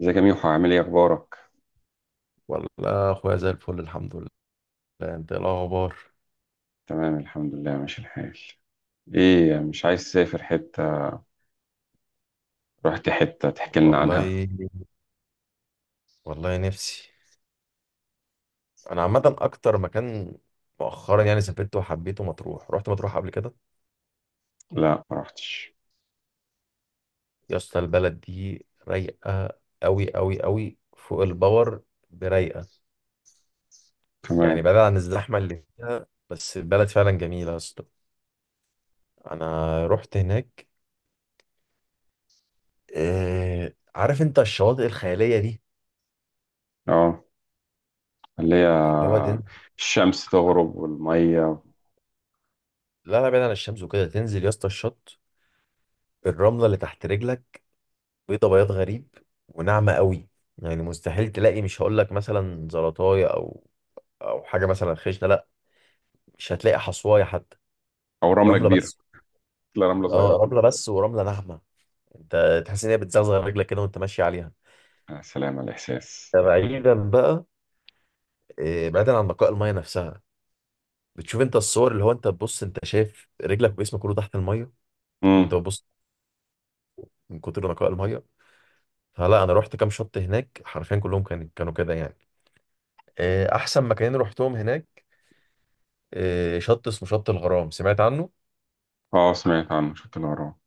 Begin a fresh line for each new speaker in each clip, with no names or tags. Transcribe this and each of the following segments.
ازيك يا ميحو؟ عامل ايه؟ اخبارك؟
والله اخويا زي الفل، الحمد لله. انت إيه الاخبار؟
تمام الحمد لله ماشي الحال. ايه مش عايز تسافر حتة؟ رحت حتة تحكي لنا عنها؟
والله. والله نفسي. انا عامه اكتر مكان مؤخرا يعني سافرته وحبيته مطروح، رحت مطروح قبل كده.
لا ما رحتش.
يا اسطى البلد دي رايقه قوي قوي قوي، فوق الباور. برايقه.
تمام.
يعني بعيد عن الزحمه اللي فيها، بس البلد فعلا جميله يا اسطى. انا رحت هناك. عارف انت الشواطئ الخياليه دي.
اه، اللي هي
اللي هو تنزل.
الشمس تغرب والمية.
لا لا، بعيد عن الشمس وكده، تنزل يا اسطى الشط، الرمله اللي تحت رجلك بيضة بياض غريب، وناعمة قوي. يعني مستحيل تلاقي، مش هقول لك مثلا زلطاية او او حاجة مثلا خشنة، لا. مش هتلاقي حصواية حتى.
او رملة
رملة
كبيرة؟
بس.
لا رملة صغيرة
اه رملة
كلها.
بس، ورملة ناعمة. انت تحس ان هي بتزغزغ رجلك كده وانت ماشي عليها.
يا سلام على الاحساس.
ده بعيدا بقى، بعيدا عن نقاء المية نفسها. بتشوف انت الصور اللي هو انت تبص، انت شايف رجلك وجسمك كله تحت المية وانت
امم
بتبص، من كتر نقاء المية. فلا انا رحت كام شط هناك، حرفيا كلهم كانوا كده يعني. احسن مكانين رحتهم هناك، شط اسمه شط الغرام، سمعت عنه.
اه سمعت عنه، شفت اللي وراه.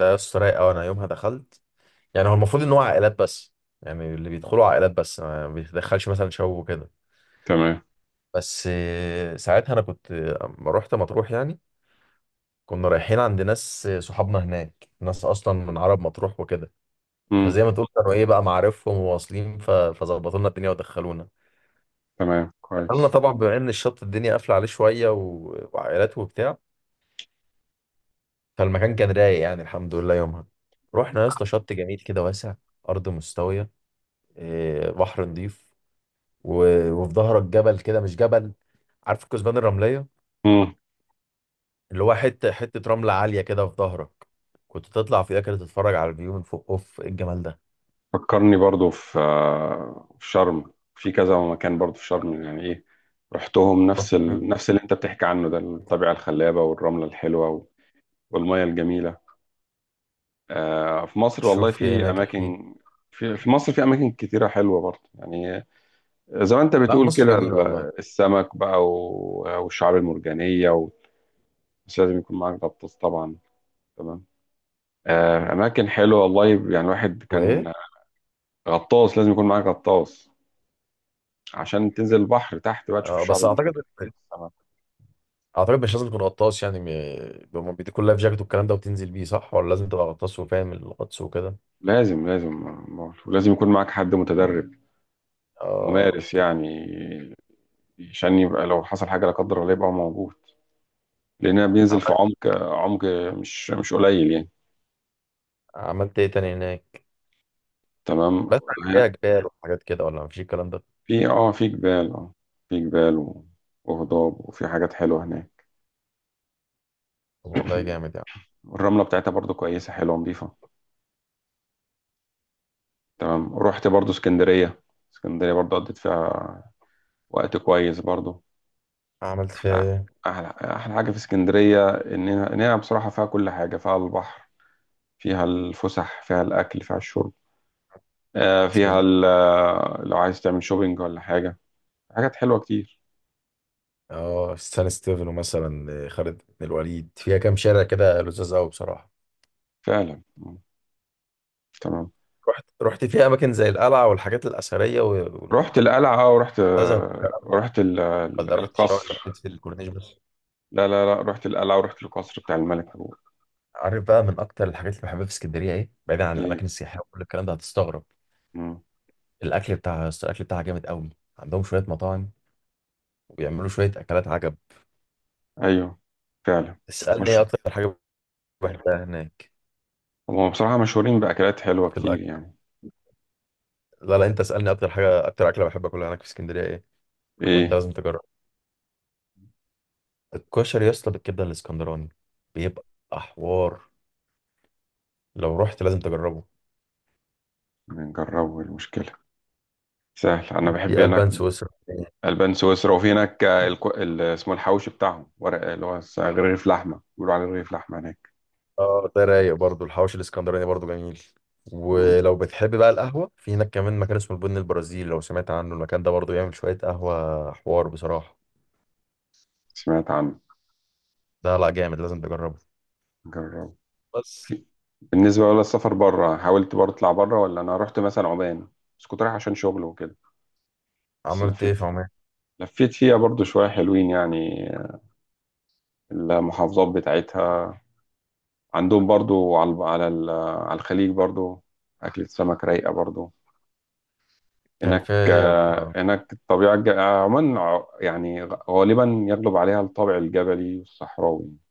ده يا اسطى رايق قوي. انا يومها دخلت، يعني هو المفروض ان هو عائلات بس، يعني اللي بيدخلوا عائلات بس، ما بيتدخلش مثلا شباب وكده.
تمام.
بس ساعتها انا كنت، اما رحت مطروح يعني كنا رايحين عند ناس صحابنا هناك، ناس اصلا من عرب مطروح وكده.
امم
فزي ما تقول كانوا ايه بقى، معارفهم وواصلين، فظبطوا لنا الدنيا ودخلونا.
تمام
دخلنا
كويس.
طبعا بما ان الشط الدنيا قافله عليه شويه وعائلات وبتاع، فالمكان كان رايق يعني، الحمد لله يومها. رحنا يا اسطى شط جميل كده، واسع، ارض مستويه، بحر نضيف، وفي ظهرك جبل كده، مش جبل، عارف الكثبان الرمليه اللي هو حته حته رمله عاليه كده في ظهرك. كنت تطلع فيها كده تتفرج على الفيو من فوق، اوف إيه الجمال ده.
فكرني برضو في في شرم، في كذا مكان برضو في شرم. يعني ايه رحتهم، نفس
رحت-
نفس اللي انت بتحكي عنه ده، الطبيعة الخلابة والرملة الحلوة والمية الجميلة. آه في مصر والله
شفت ايه
في
هناك، احكي لي.
أماكن. في في مصر في أماكن كتيرة حلوة برضو يعني، زي ما انت
لا
بتقول
مصر
كده
جميله والله.
السمك بقى والشعاب المرجانية و... بس لازم يكون معاك غطاس طبعا. تمام. آه، أماكن حلوة والله يعني، الواحد
وايه؟
كان. غطاس، لازم يكون معاك غطاس عشان تنزل البحر تحت بقى تشوف
آه
الشعاب
بس اعتقد،
المرجانية والسمك.
اعتقد مش لازم تكون غطاس يعني، هما بيديكوا اللايف جاكيت والكلام ده وتنزل بيه، صح؟ ولا لازم تبقى غطاس وفاهم الغطس وكده؟
لازم لازم. بقول، ولازم يكون معاك حد متدرب،
اه.
ممارس يعني، عشان يبقى لو حصل حاجة لا قدر الله يبقى موجود. لأنها بينزل في عمق، عمق مش قليل يعني.
عملت ايه تاني هناك؟
تمام.
بس عن ايه، جبال وحاجات كده ولا مفيش الكلام ده؟
في اه في جبال اه، في جبال وهضاب، وفي حاجات حلوة هناك.
طب والله جامد يعني.
والرملة بتاعتها برضو كويسة حلوة نظيفة. تمام. رحت برضو اسكندرية، اسكندرية برضو قضيت فيها وقت كويس برضو.
عملت فيها
أحلى
ايه؟
أحلى حاجة في اسكندرية إننا بصراحة فيها كل حاجة، فيها البحر، فيها الفسح، فيها الأكل، فيها الشرب، فيها
اسكندريه.
لو عايز تعمل شوبينج ولا حاجة. حاجات حلوة كتير.
اه سان ستيفانو مثلا، خالد بن الوليد، فيها كام شارع كده لذاذ قوي بصراحه.
فعلا. مم. تمام.
رحت فيها اماكن زي القلعه والحاجات الاثريه والمنتزه
رحت القلعة أه، ورحت
والكلام ده،
رحت
ولا رحت الشوارع اللي
القصر.
لفيت في الكورنيش بس؟
لا لا لا، رحت القلعة ورحت القصر بتاع الملك عبود.
عارف بقى من اكتر الحاجات اللي بحبها في اسكندريه ايه بعيدا عن الاماكن
إيه؟
السياحيه وكل الكلام ده؟ هتستغرب.
مم.
الاكل بتاعها، الاكل بتاعها جامد قوي. عندهم شويه مطاعم وبيعملوا شويه اكلات عجب.
أيوه، فعلا
اسالني ايه
مشهور.
اكتر حاجه بحبها هناك
هم بصراحة مشهورين بأكلات حلوة
في
كتير
الاكل.
يعني.
لا لا، انت اسالني اكتر حاجه، اكتر اكله بحب اكلها هناك في اسكندريه ايه، وانت
إيه؟
لازم تجرب. الكشري يا اسطى بالكبده الاسكندراني، بيبقى حوار. لو رحت لازم تجربه.
نجربوا، المشكلة سهل، أنا بحب
وفي
هناك.
البان سويسرا.
البان سويسرا، وفي هناك اسمه الحواوشي بتاعهم، ورق اللي هو رغيف لحمه، بيقولوا عليه رغيف لحمه هناك.
اه، ده رايق برضه الحواوشي الاسكندراني برضه جميل.
مم.
ولو بتحب بقى القهوه، في هناك كمان مكان اسمه البن البرازيلي، لو سمعت عنه، المكان ده برضه بيعمل شويه قهوه حوار بصراحه.
سمعت عنه.
ده لا جامد، لازم تجربه.
جرب.
بس.
في... بالنسبه بقى للسفر بره، حاولت برضه اطلع بره، ولا انا رحت مثلا عمان، بس كنت رايح عشان شغل وكده. بس
عملت ايه
لفيت
في عمان؟
لفيت فيها برضه شويه حلوين يعني، المحافظات بتاعتها. عندهم برضه على الب- على ال- على الخليج برضه اكلة سمك رايقه برضه
كان
هناك.
فيا،
آه، هناك الطبيعة الج- آه، عموما يعني غالبا يغلب عليها الطابع الجبلي والصحراوي،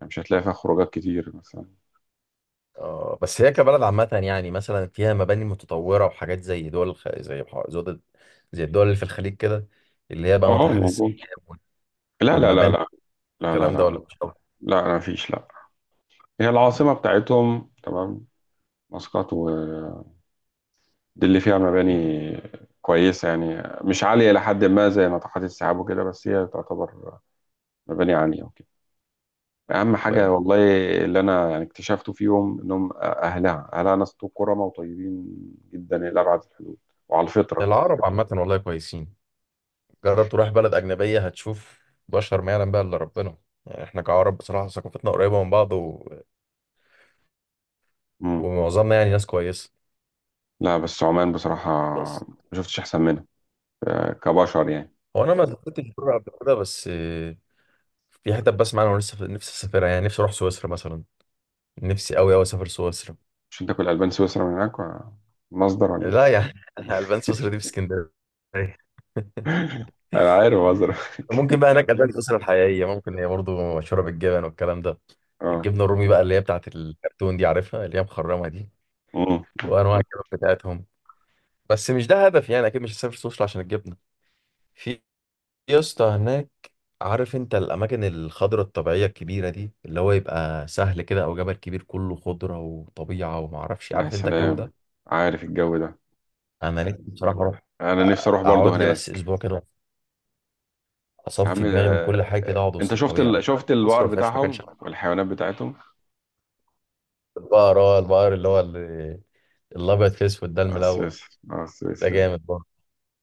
يعني مش هتلاقي فيها خروجات كتير مثلا.
آه بس هي كبلد عامة يعني مثلا فيها مباني متطورة وحاجات زي دول الخ... زي بح- زود... زي الدول اللي في الخليج كده، اللي هي بقى
اه
ناطحات السحاب
موجود.
وال-
لا لا لا
والمباني
لا، لا لا
والكلام ده،
لا،
ولا مش قوي؟
لا ما فيش لا. هي العاصمة بتاعتهم، تمام، مسقط، ودي اللي فيها مباني كويسة يعني مش عالية إلى حد ما زي ناطحات السحاب وكده، بس هي تعتبر مباني عالية. اهم
ولا
حاجه
إيه؟
والله اللي انا يعني اكتشفته فيهم انهم اهلها ناس كرمى وطيبين جدا الى ابعد الحدود، وعلى الفطره كده.
العرب عامة والله كويسين. جرب تروح بلد أجنبية هتشوف بشر ما يعلم بقى إلا ربنا. يعني إحنا كعرب بصراحة ثقافتنا قريبة من بعض، و...
امم
ومعظمنا يعني ناس كويسة.
لا بس عمان بصراحه
بس.
ما شفتش احسن منها، آه، كبشر يعني.
هو أنا ما سافرتش بره قبل كده، بس في حتت بسمع أنا ولسه نفسي أسافرها، يعني نفسي أروح سويسرا مثلا. نفسي أوي أوي أسافر سويسرا.
مش انت كل البان سويسرا من هناك مصدر، ولا
لا
ايه؟
يعني البان سويسرا دي في اسكندريه.
انا عارف مصدر.
ممكن بقى هناك البان سويسرا الحقيقيه، ممكن هي برضو مشهوره بالجبن والكلام ده.
اه.
الجبنه الرومي بقى اللي هي بتاعت الكرتون دي عارفها، اللي هي مخرمه دي،
امم
وانواع الجبن بتاعتهم. بس مش ده هدف، يعني اكيد مش هسافر سويسرا عشان الجبنه. في يا اسطى هناك، عارف انت الاماكن الخضراء الطبيعيه الكبيره دي، اللي هو يبقى سهل كده او جبل كبير كله خضره وطبيعه وما اعرفش،
يا
عارف انت الجو
سلام،
ده؟
عارف الجو ده،
انا نفسي بصراحه
انا نفسي اروح برضو
اقعد لي بس
هناك.
اسبوع كده،
يا عم،
اصفي دماغي من كل حاجه، كده اقعد
انت
وسط
شفت
الطبيعه. مش عارف
شفت
مصر
البقر
ما فيهاش مكان شبه.
بتاعهم والحيوانات بتاعتهم.
البقر، اه البقر اللي هو الابيض في اسود ده
على
الملون،
السويسري على
ده
السويسري
جامد برضه.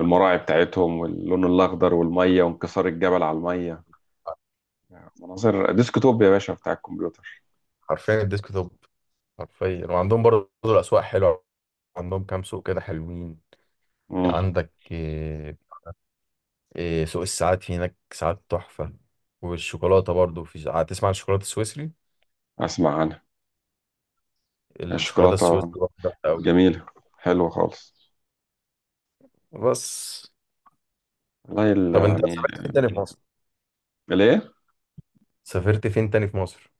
المراعي بتاعتهم واللون الاخضر والميه وانكسار الجبل على الميه، مناظر ديسكتوب يا باشا بتاع الكمبيوتر.
حرفيا الديسك توب، حرفيا. وعندهم برضه الاسواق حلوه، عندهم كام سوق كده حلوين.
امم
عندك إيه؟ إيه سوق الساعات في هناك، ساعات تحفه. والشوكولاته برضه، في ساعات تسمع عن الشوكولاته السويسري،
اسمع عنها.
الشوكولاته
الشوكولاته
السويسري برضه تحفه قوي.
جميله، حلوه خالص.
بس.
والله
طب انت
يعني.
سافرت فين تاني في مصر؟
ليه؟
سافرت فين تاني في مصر؟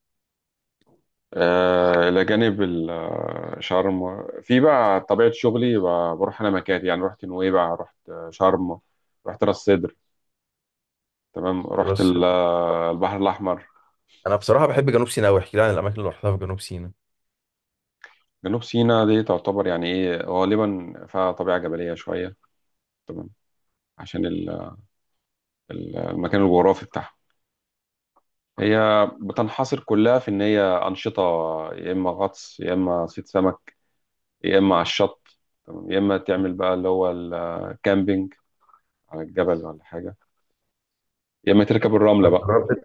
آه، الى جانب شرم، في بقى طبيعه شغلي بروح انا مكاتب يعني، رحت نويبع، رحت شرم، رحت راس سدر. تمام. رحت
راس.
البحر الاحمر.
انا بصراحه بحب جنوب سيناء قوي، احكي لي عن الاماكن اللي رحتها في جنوب سيناء.
جنوب سيناء دي تعتبر يعني ايه، غالبا فيها طبيعه جبليه شويه. تمام. عشان ال، المكان الجغرافي بتاعها، هي بتنحصر كلها في ان هي انشطه، يا اما غطس، يا اما صيد سمك، يا اما على الشط، تمام؟ يا اما تعمل بقى اللي هو الكامبينج على الجبل ولا حاجه، يا اما تركب الرمله بقى.
جربت،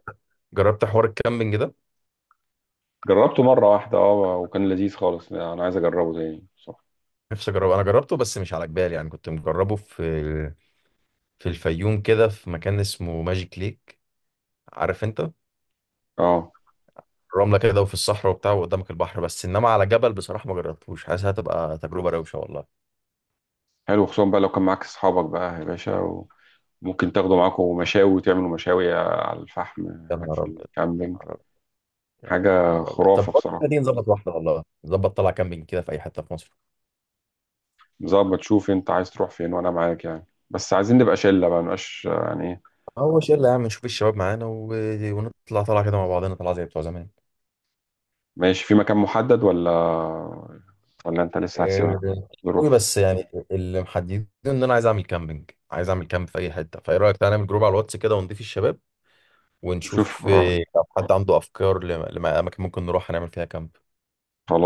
جربت حوار الكامبينج ده؟
جربته مره واحده اه، وكان لذيذ خالص، انا عايز اجربه تاني، صح.
نفسي اجربه. انا جربته بس مش على جبال، يعني كنت مجربه في في الفيوم كده، في مكان اسمه ماجيك ليك، عارف انت؟
اه.
رمله كده وفي الصحراء وبتاع وقدامك البحر، بس انما على جبل بصراحه ما جربتوش، حاسس هتبقى تجربه روشه والله.
حلو، خصوصا بقى لو كان معاك اصحابك بقى يا باشا، وممكن تاخدوا معاكم مشاوي وتعملوا مشاوي على الفحم
يا
هناك في
نهار ابيض، يا
الكامبينج.
نهار ابيض، يا
حاجه
نهار ابيض. طب
خرافه
بقول لك
بصراحه.
إيه، دي نظبط واحده والله، نظبط طلع كامبينج كده في اي حته في مصر.
ظبط. شوف انت عايز تروح فين وانا معاك يعني، بس عايزين نبقى شله بقى، مبقاش يعني ايه.
هو شله يا عم، نشوف الشباب معانا، و... ونطلع طلع كده مع بعضنا طلع زي بتوع زمان.
ماشي. في مكان محدد، ولا ولا انت لسه هتسيبها
قوي،
ظروف؟
بس يعني اللي محددين ان انا عايز اعمل كامبينج، عايز اعمل كامب في اي حته. فايه رايك، تعالى نعمل جروب على الواتس كده ونضيف الشباب،
شوف.
ونشوف لو حد عنده افكار لاماكن ممكن نروح هنعمل فيها كامب.
خلاص.